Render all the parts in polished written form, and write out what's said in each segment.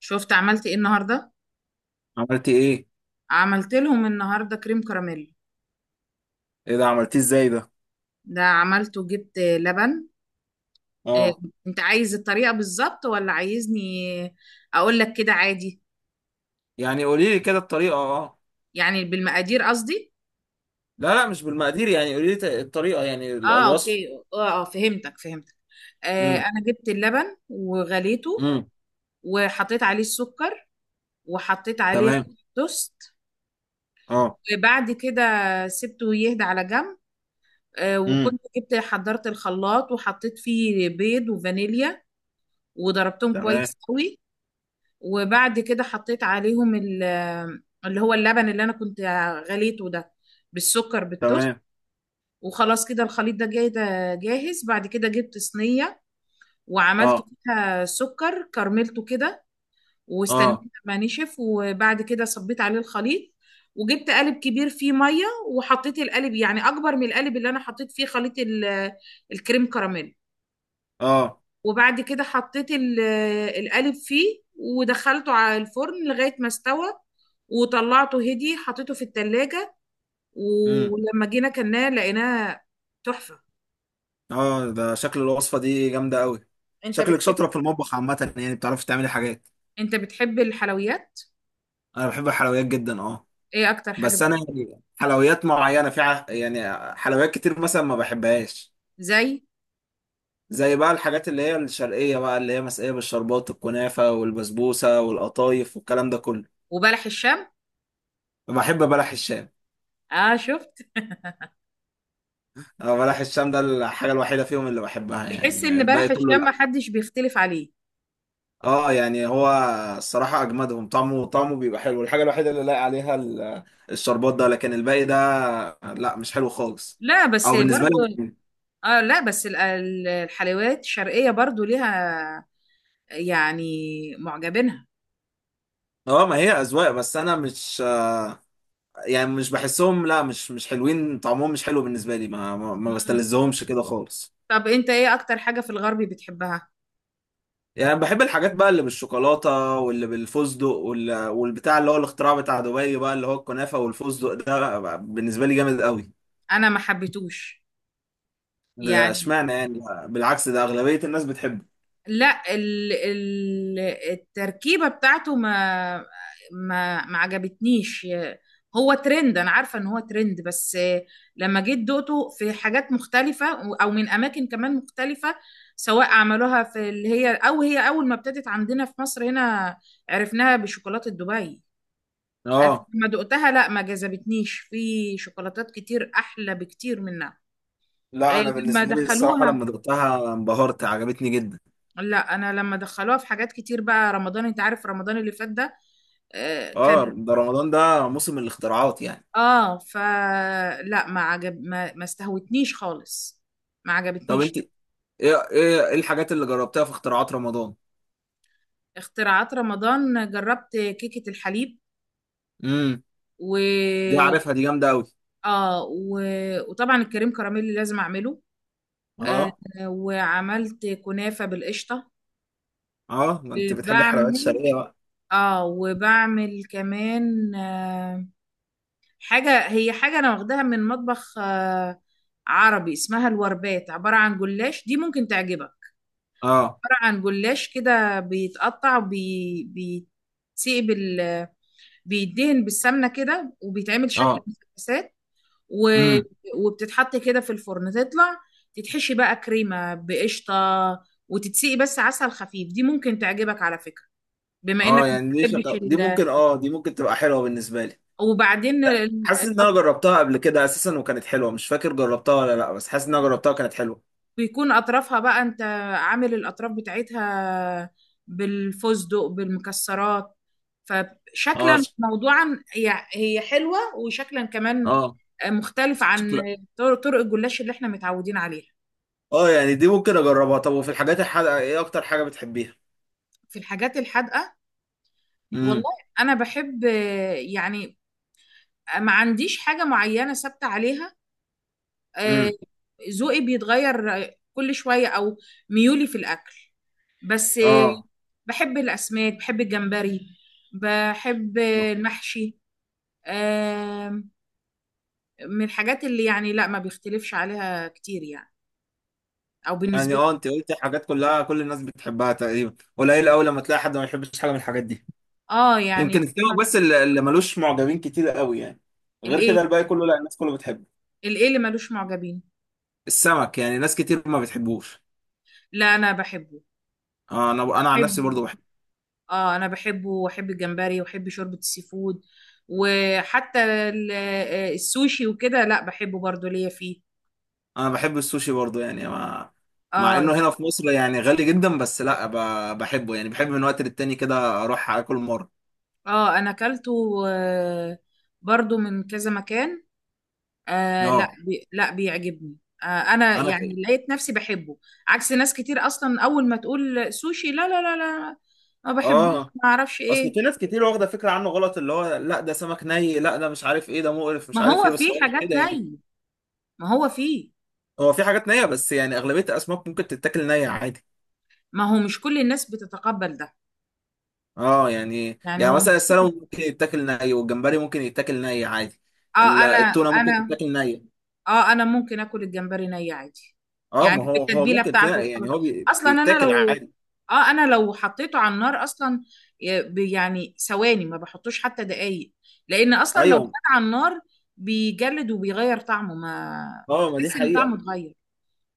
شفت عملت ايه النهارده؟ عملتي ايه؟ عملت لهم النهارده كريم كراميل. ايه ده؟ عملتيه ازاي ده؟ ده عملته، جبت لبن. إيه. اه. انت عايز الطريقه بالظبط ولا عايزني اقول لك كده عادي؟ يعني قولي لي كده الطريقه، اه. يعني بالمقادير قصدي. لا، لا مش بالمقادير، يعني قولي لي الطريقه، يعني اه، الوصف. اوكي. اه، اه، فهمتك فهمتك. امم. انا جبت اللبن وغليته، امم. وحطيت عليه السكر، وحطيت عليه تمام. قطع توست، اه. وبعد كده سبته يهدى على جنب. امم. وكنت حضرت الخلاط وحطيت فيه بيض وفانيليا، وضربتهم تمام. كويس قوي. وبعد كده حطيت عليهم اللي هو اللبن اللي انا كنت غليته ده، بالسكر بالتوست. تمام. وخلاص كده الخليط ده جاي، ده جاهز. بعد كده جبت صينية وعملت اه. فيها سكر كرملته كده، واستنيت اه. لما نشف، وبعد كده صبيت عليه الخليط. وجبت قالب كبير فيه مية وحطيت القالب، يعني أكبر من القالب اللي أنا حطيت فيه خليط الكريم كراميل. اه. وبعد كده حطيت القالب فيه ودخلته على الفرن لغاية ما استوى. وطلعته هدي، حطيته في التلاجة. امم. ولما جينا كلناه لقيناه تحفة. اه، ده شكل الوصفه دي جامده قوي. انت شكلك بتحب شاطره في المطبخ عامه، يعني بتعرفي تعملي حاجات. انت بتحب الحلويات؟ انا بحب الحلويات جدا، اه. ايه اكتر حاجة بس انا يعني حلويات معينه في يعني حلويات كتير مثلا ما بحبهاش. زي؟ زي بقى الحاجات اللي هي الشرقية، بقى اللي هي مسقية بالشربات، الكنافة والبسبوسة والقطايف والكلام ده كله. وبلح الشام؟ بحب بلح الشام. اه، شفت؟ أه، بلح الشام ده الحاجة الوحيدة فيهم اللي بحبها، تحس يعني ان الباقي بلح كله الشام لا. محدش بيختلف عليه؟ اه يعني هو. الصراحة أجمدهم، طعمه بيبقى حلو، الحاجة الوحيدة اللي لاقي عليها الشربات ده، لكن الباقي ده لا مش حلو خالص. لا بس أو بالنسبة برضو. لي. اه، لا، بس الحلويات الشرقية برضو ليها يعني معجبينها. اه، ما هي أذواق، بس أنا مش، يعني مش بحسهم، لا مش حلوين، طعمهم مش حلو بالنسبة لي، ما بستلذهمش كده خالص. طب انت ايه اكتر حاجة في الغربي بتحبها؟ يعني بحب الحاجات بقى اللي بالشوكولاتة واللي بالفستق والبتاع اللي هو الاختراع بتاع دبي بقى، اللي هو الكنافة والفستق ده بقى بالنسبة لي جامد قوي. انا ما حبيتوش. ده يعني. اشمعنى يعني؟ بالعكس، ده أغلبية الناس بتحبه. لا، ال ال التركيبة بتاعته ما عجبتنيش. هو ترند، انا عارفة ان هو ترند، بس لما جيت دقته في حاجات مختلفة، او من اماكن كمان مختلفة، سواء عملوها في اللي هي، او هي اول ما ابتدت عندنا في مصر هنا عرفناها بشوكولاتة دبي. اه ما دقتها، لا ما جذبتنيش. في شوكولاتات كتير احلى بكتير منها. لا، إيه انا لما بالنسبة لي الصراحة دخلوها؟ لما دقتها انبهرت، عجبتني جدا. لا، انا لما دخلوها في حاجات كتير بقى رمضان، انت عارف رمضان اللي فات ده؟ اه، كان. ده رمضان ده موسم الاختراعات يعني. اه، فلا ما استهوتنيش خالص، ما طب عجبتنيش. انت ايه؟ إيه الحاجات اللي جربتها في اختراعات رمضان؟ اختراعات رمضان جربت كيكة الحليب، امم. و دي عارفها، دي جامدة قوي. اه و... وطبعا الكريم كراميل لازم اعمله. آه اه. وعملت كنافة بالقشطة. اه، ما انت بتحبي الحلويات بعمل الشرقية بقى. اه وبعمل كمان حاجة، هي حاجة أنا واخداها من مطبخ عربي، اسمها الوربات، عبارة عن جلاش، دي ممكن تعجبك. اه. عبارة عن جلاش كده، بيتقطع، بيتسيب، بيدهن بالسمنة كده، وبيتعمل شكل مثلثات. و... اه. وبتتحط كده في الفرن تطلع، تتحشي بقى كريمة بقشطة، وتتسقي بس عسل خفيف. دي ممكن تعجبك على فكرة، بما اه. انك ما يعني بتحبش دي ممكن اه دي ممكن تبقى حلوه بالنسبه لي. وبعدين حاسس ان انا جربتها قبل كده اساسا وكانت حلوه، مش فاكر جربتها ولا لا، بس حاسس ان انا جربتها وكانت حلوه. بيكون اطرافها بقى، انت عامل الاطراف بتاعتها بالفستق بالمكسرات، اه فشكلا ش- موضوعا هي هي حلوة وشكلا كمان اه. مختلف عن شكلها. طرق الجلاش اللي احنا متعودين عليها. اه، يعني دي ممكن اجربها. طب وفي الحاجات الحادقه ايه اكتر حاجه بتحبيها؟ في الحاجات الحادقة؟ امم. والله انا بحب، يعني ما عنديش حاجة معينة ثابتة عليها، آه، امم. ذوقي بيتغير كل شوية، او ميولي في الاكل بس. اه. بحب الأسماك، بحب الجمبري، بحب المحشي، آم، من الحاجات اللي يعني لا ما بيختلفش عليها كتير، يعني أو يعني بالنسبة لي. اه، انت قلت حاجات كلها كل الناس بتحبها تقريبا، قليل قوي لما تلاقي حد ما يحبش حاجه من الحاجات دي. اه يمكن يعني. السمك بس اللي ملوش معجبين كتير قوي يعني. غير الإيه كده الباقي كله لا، الناس كله بتحبه. الإيه اللي ملوش معجبين؟ السمك يعني ناس كتير ما بتحبوش. لا، أنا بحبه، آه، انا عن نفسي برضو بحبه. بحب. اه، أنا بحبه وأحب الجمبري وأحب شوربة السي فود، وحتى السوشي وكده لا بحبه برضو، ليا فيه. انا بحب السوشي برضو، يعني مع، مع اه. انه هنا في مصر يعني غالي جدا، بس لا بحبه، يعني بحب من وقت للتاني كده اروح اكل مره. اه، أنا أكلته برضو من كذا مكان. آه، لا اه لا بيعجبني. آه، انا انا يعني ك... لقيت نفسي بحبه، عكس ناس كتير اصلا، اول ما تقول سوشي لا لا لا لا، ما بحبوش، اه، ما اعرفش اصل في ايه. ناس كتير واخده فكره عنه غلط، اللي هو لا ده سمك ني، لا ده مش عارف ايه، ده مقرف مش ما عارف هو ايه، بس فيه هو مش حاجات كده يعني. ني. ما هو فيه. هو في حاجات نيه، بس يعني اغلبيه الاسماك ممكن تتاكل نيه عادي. ما هو مش كل الناس بتتقبل ده. اه، يعني يعني يعني هو، مثلا السلمون ممكن يتاكل ني، والجمبري ممكن يتاكل ني عادي. اه انا التونه ممكن انا تتاكل نيه. اه انا ممكن اكل الجمبري ني عادي. اه، يعني ما هو بالتتبيله ممكن فيها، بتاعته يعني هو وخلاص. اصلا بيتاكل عادي. انا لو حطيته على النار اصلا، يعني ثواني ما بحطوش حتى دقايق، لان اصلا لو كان ايوه. على النار بيجلد وبيغير طعمه، ما اه، ما دي تحس ان حقيقه، طعمه اتغير.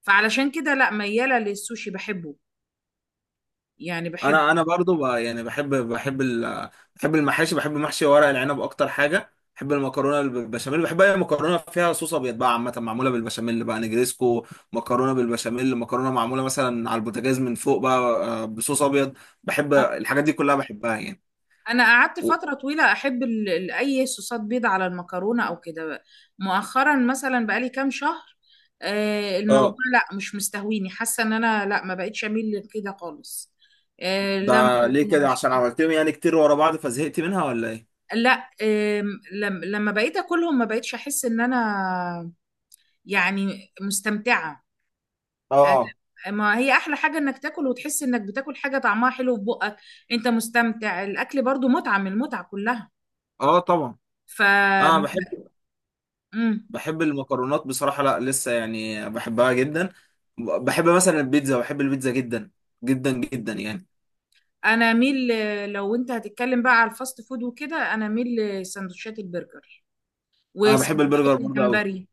فعلشان كده لا، مياله للسوشي بحبه، يعني بحبه. انا برضو يعني بحب المحاشي، بحب محشي ورق العنب، اكتر حاجه بحب المكرونه بالبشاميل، بحب اي مكرونه فيها صوص ابيض بقى، عامه معموله بالبشاميل بقى، نجريسكو. مكرونه بالبشاميل، مكرونه معموله مثلا على البوتاجاز من فوق بقى، بصوص ابيض. بحب الحاجات دي كلها بحبها يعني. انا قعدت و- فتره طويله احب اي صوصات بيض على المكرونه او كده بقى. مؤخرا مثلا بقالي كام شهر، الموضوع اه، لا مش مستهويني، حاسه ان انا لا ما بقتش اميل لكده خالص. لا ده ليه مكرونه كده؟ عشان عملتهم يعني كتير ورا بعض فزهقت منها ولا ايه؟ لا، لما بقيت اكلهم ما بقيتش احس ان انا يعني مستمتعه. اه. ما هي احلى حاجه انك تاكل وتحس انك بتاكل حاجه طعمها حلو في بقك، انت مستمتع. الاكل برضو متعه من المتعه كلها. اه طبعا. ف اه، بحب. بحب المكرونات بصراحة، لا لسه يعني بحبها جدا. بحب مثلا البيتزا، بحب البيتزا جدا. جدا جدا يعني. انا ميل، لو انت هتتكلم بقى على الفاست فود وكده، انا ميل لسندوتشات البرجر انا بحب البرجر وسندوتشات برضه قوي. الجمبري.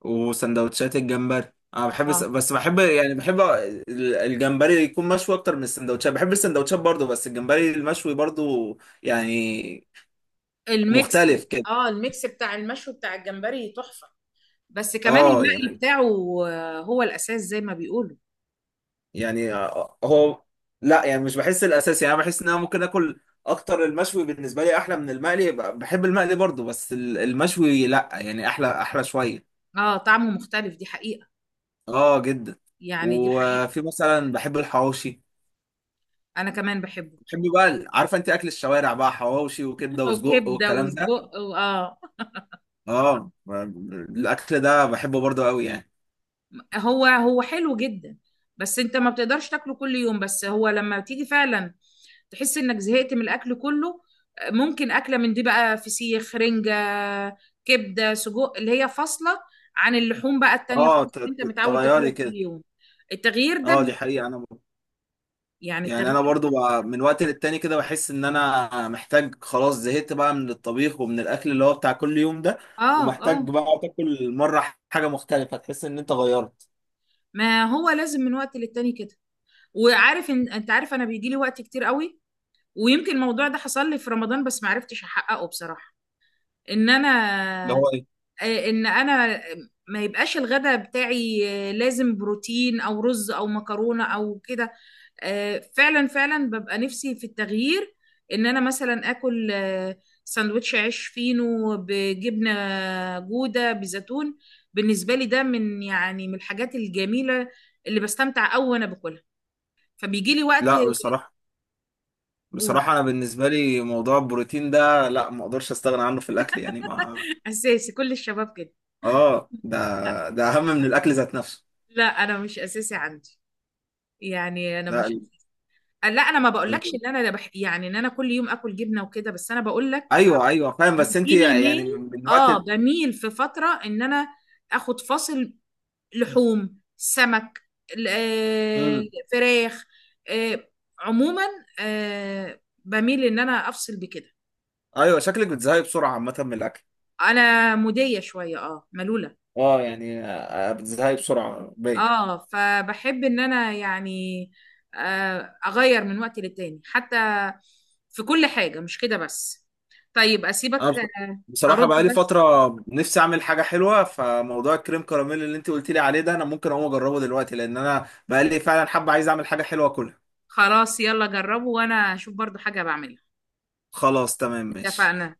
وسندوتشات الجمبري، انا بحب اه بس بحب يعني الجمبري يكون مشوي اكتر من السندوتشات، بحب السندوتشات برضه، بس الجمبري المشوي برضه. يعني الميكس مختلف كده. اه الميكس بتاع المشوي بتاع الجمبري تحفة، بس كمان اه، المقلي يعني بتاعه. هو الاساس زي ما بيقولوا. يعني هو، لا يعني مش بحس الاساسي، يعني انا بحس ان انا ممكن اكل اكتر المشوي بالنسبه لي احلى من المقلي، بحب المقلي برضو، بس المشوي لا يعني احلى احلى شويه. اه، طعمه مختلف دي حقيقة، اه جدا. يعني دي حقيقة. وفي مثلا بحب الحواوشي. انا كمان بحبه. بحب بقى عارفه انت اكل الشوارع بقى، حواوشي وكبده وسجق وكبدة والكلام ده. وسجق اه. اه، الاكل ده بحبه برضو قوي يعني. هو هو حلو جدا، بس انت ما بتقدرش تاكله كل يوم، بس هو لما تيجي فعلا تحس انك زهقت من الاكل كله، ممكن اكله من دي بقى، فسيخ، رنجه، كبده، سجق، اللي هي فاصله عن اللحوم بقى التانية اه، خالص، اللي انت متعود تاكلها تغيري كل كده. يوم. التغيير ده اه دي حقيقه انا. يعني يعني انا التغيير. برضو بقى من وقت للتاني كده بحس ان انا محتاج، خلاص زهقت بقى من الطبيخ ومن الاكل اللي هو بتاع كل يوم ده. اه، ومحتاج اه، بقى تاكل مرة حاجة مختلفة تحس ان انت غيرت. ما هو لازم من وقت للتاني كده، وعارف ان انت عارف انا بيجي لي وقت كتير قوي، ويمكن الموضوع ده حصل لي في رمضان بس ما عرفتش احققه بصراحه. ان اللي انا هو ايه؟ ان انا ما يبقاش الغدا بتاعي، لازم بروتين او رز او مكرونه او كده. فعلا فعلا ببقى نفسي في التغيير ان انا مثلا اكل سندوتش عيش فينو بجبنه جوده بزيتون. بالنسبه لي ده من يعني من الحاجات الجميله اللي بستمتع قوي وانا باكلها، فبيجي لي وقت لا بصراحة. اقول بصراحة انا بالنسبة لي موضوع البروتين ده لا، ما اقدرش استغنى عنه في الاكل، يعني ما. اساسي كل الشباب كده. اه، ده لا، ده اهم من الاكل ذات نفسه. لا انا مش اساسي عندي، يعني انا لا مش. لا، انا ما بقولكش ال- ان انا يعني ان انا كل يوم اكل جبنه وكده، بس انا بقول لك ايوه، ايوه، فاهم، بس بيجي انت لي يعني ميل. من وقت. اه، بميل في فتره ان انا اخد فاصل لحوم، سمك، ال- آه، امم. فراخ، آه، عموما، بميل ان انا افصل بكده. ايوه، شكلك بتزهقي بسرعة عامة من الاكل. انا مودية شوية ملولة. اه، يعني بتزهقي بسرعة باين. اه، فبحب ان انا يعني اغير من وقت للتاني، حتى في كل حاجة مش كده بس. طيب اسيبك، انا بصراحه، هرد بقى لي بس. فتره، نفسي اعمل حاجه حلوه، فموضوع الكريم كراميل اللي انت قلت لي عليه ده، انا ممكن اقوم اجربه دلوقتي، لان انا بقى لي فعلا حابه، عايز اعمل حاجه حلوه كلها. خلاص، يلا جربوا، وانا اشوف برضو حاجة بعملها. خلاص، تمام، ماشي. اتفقنا.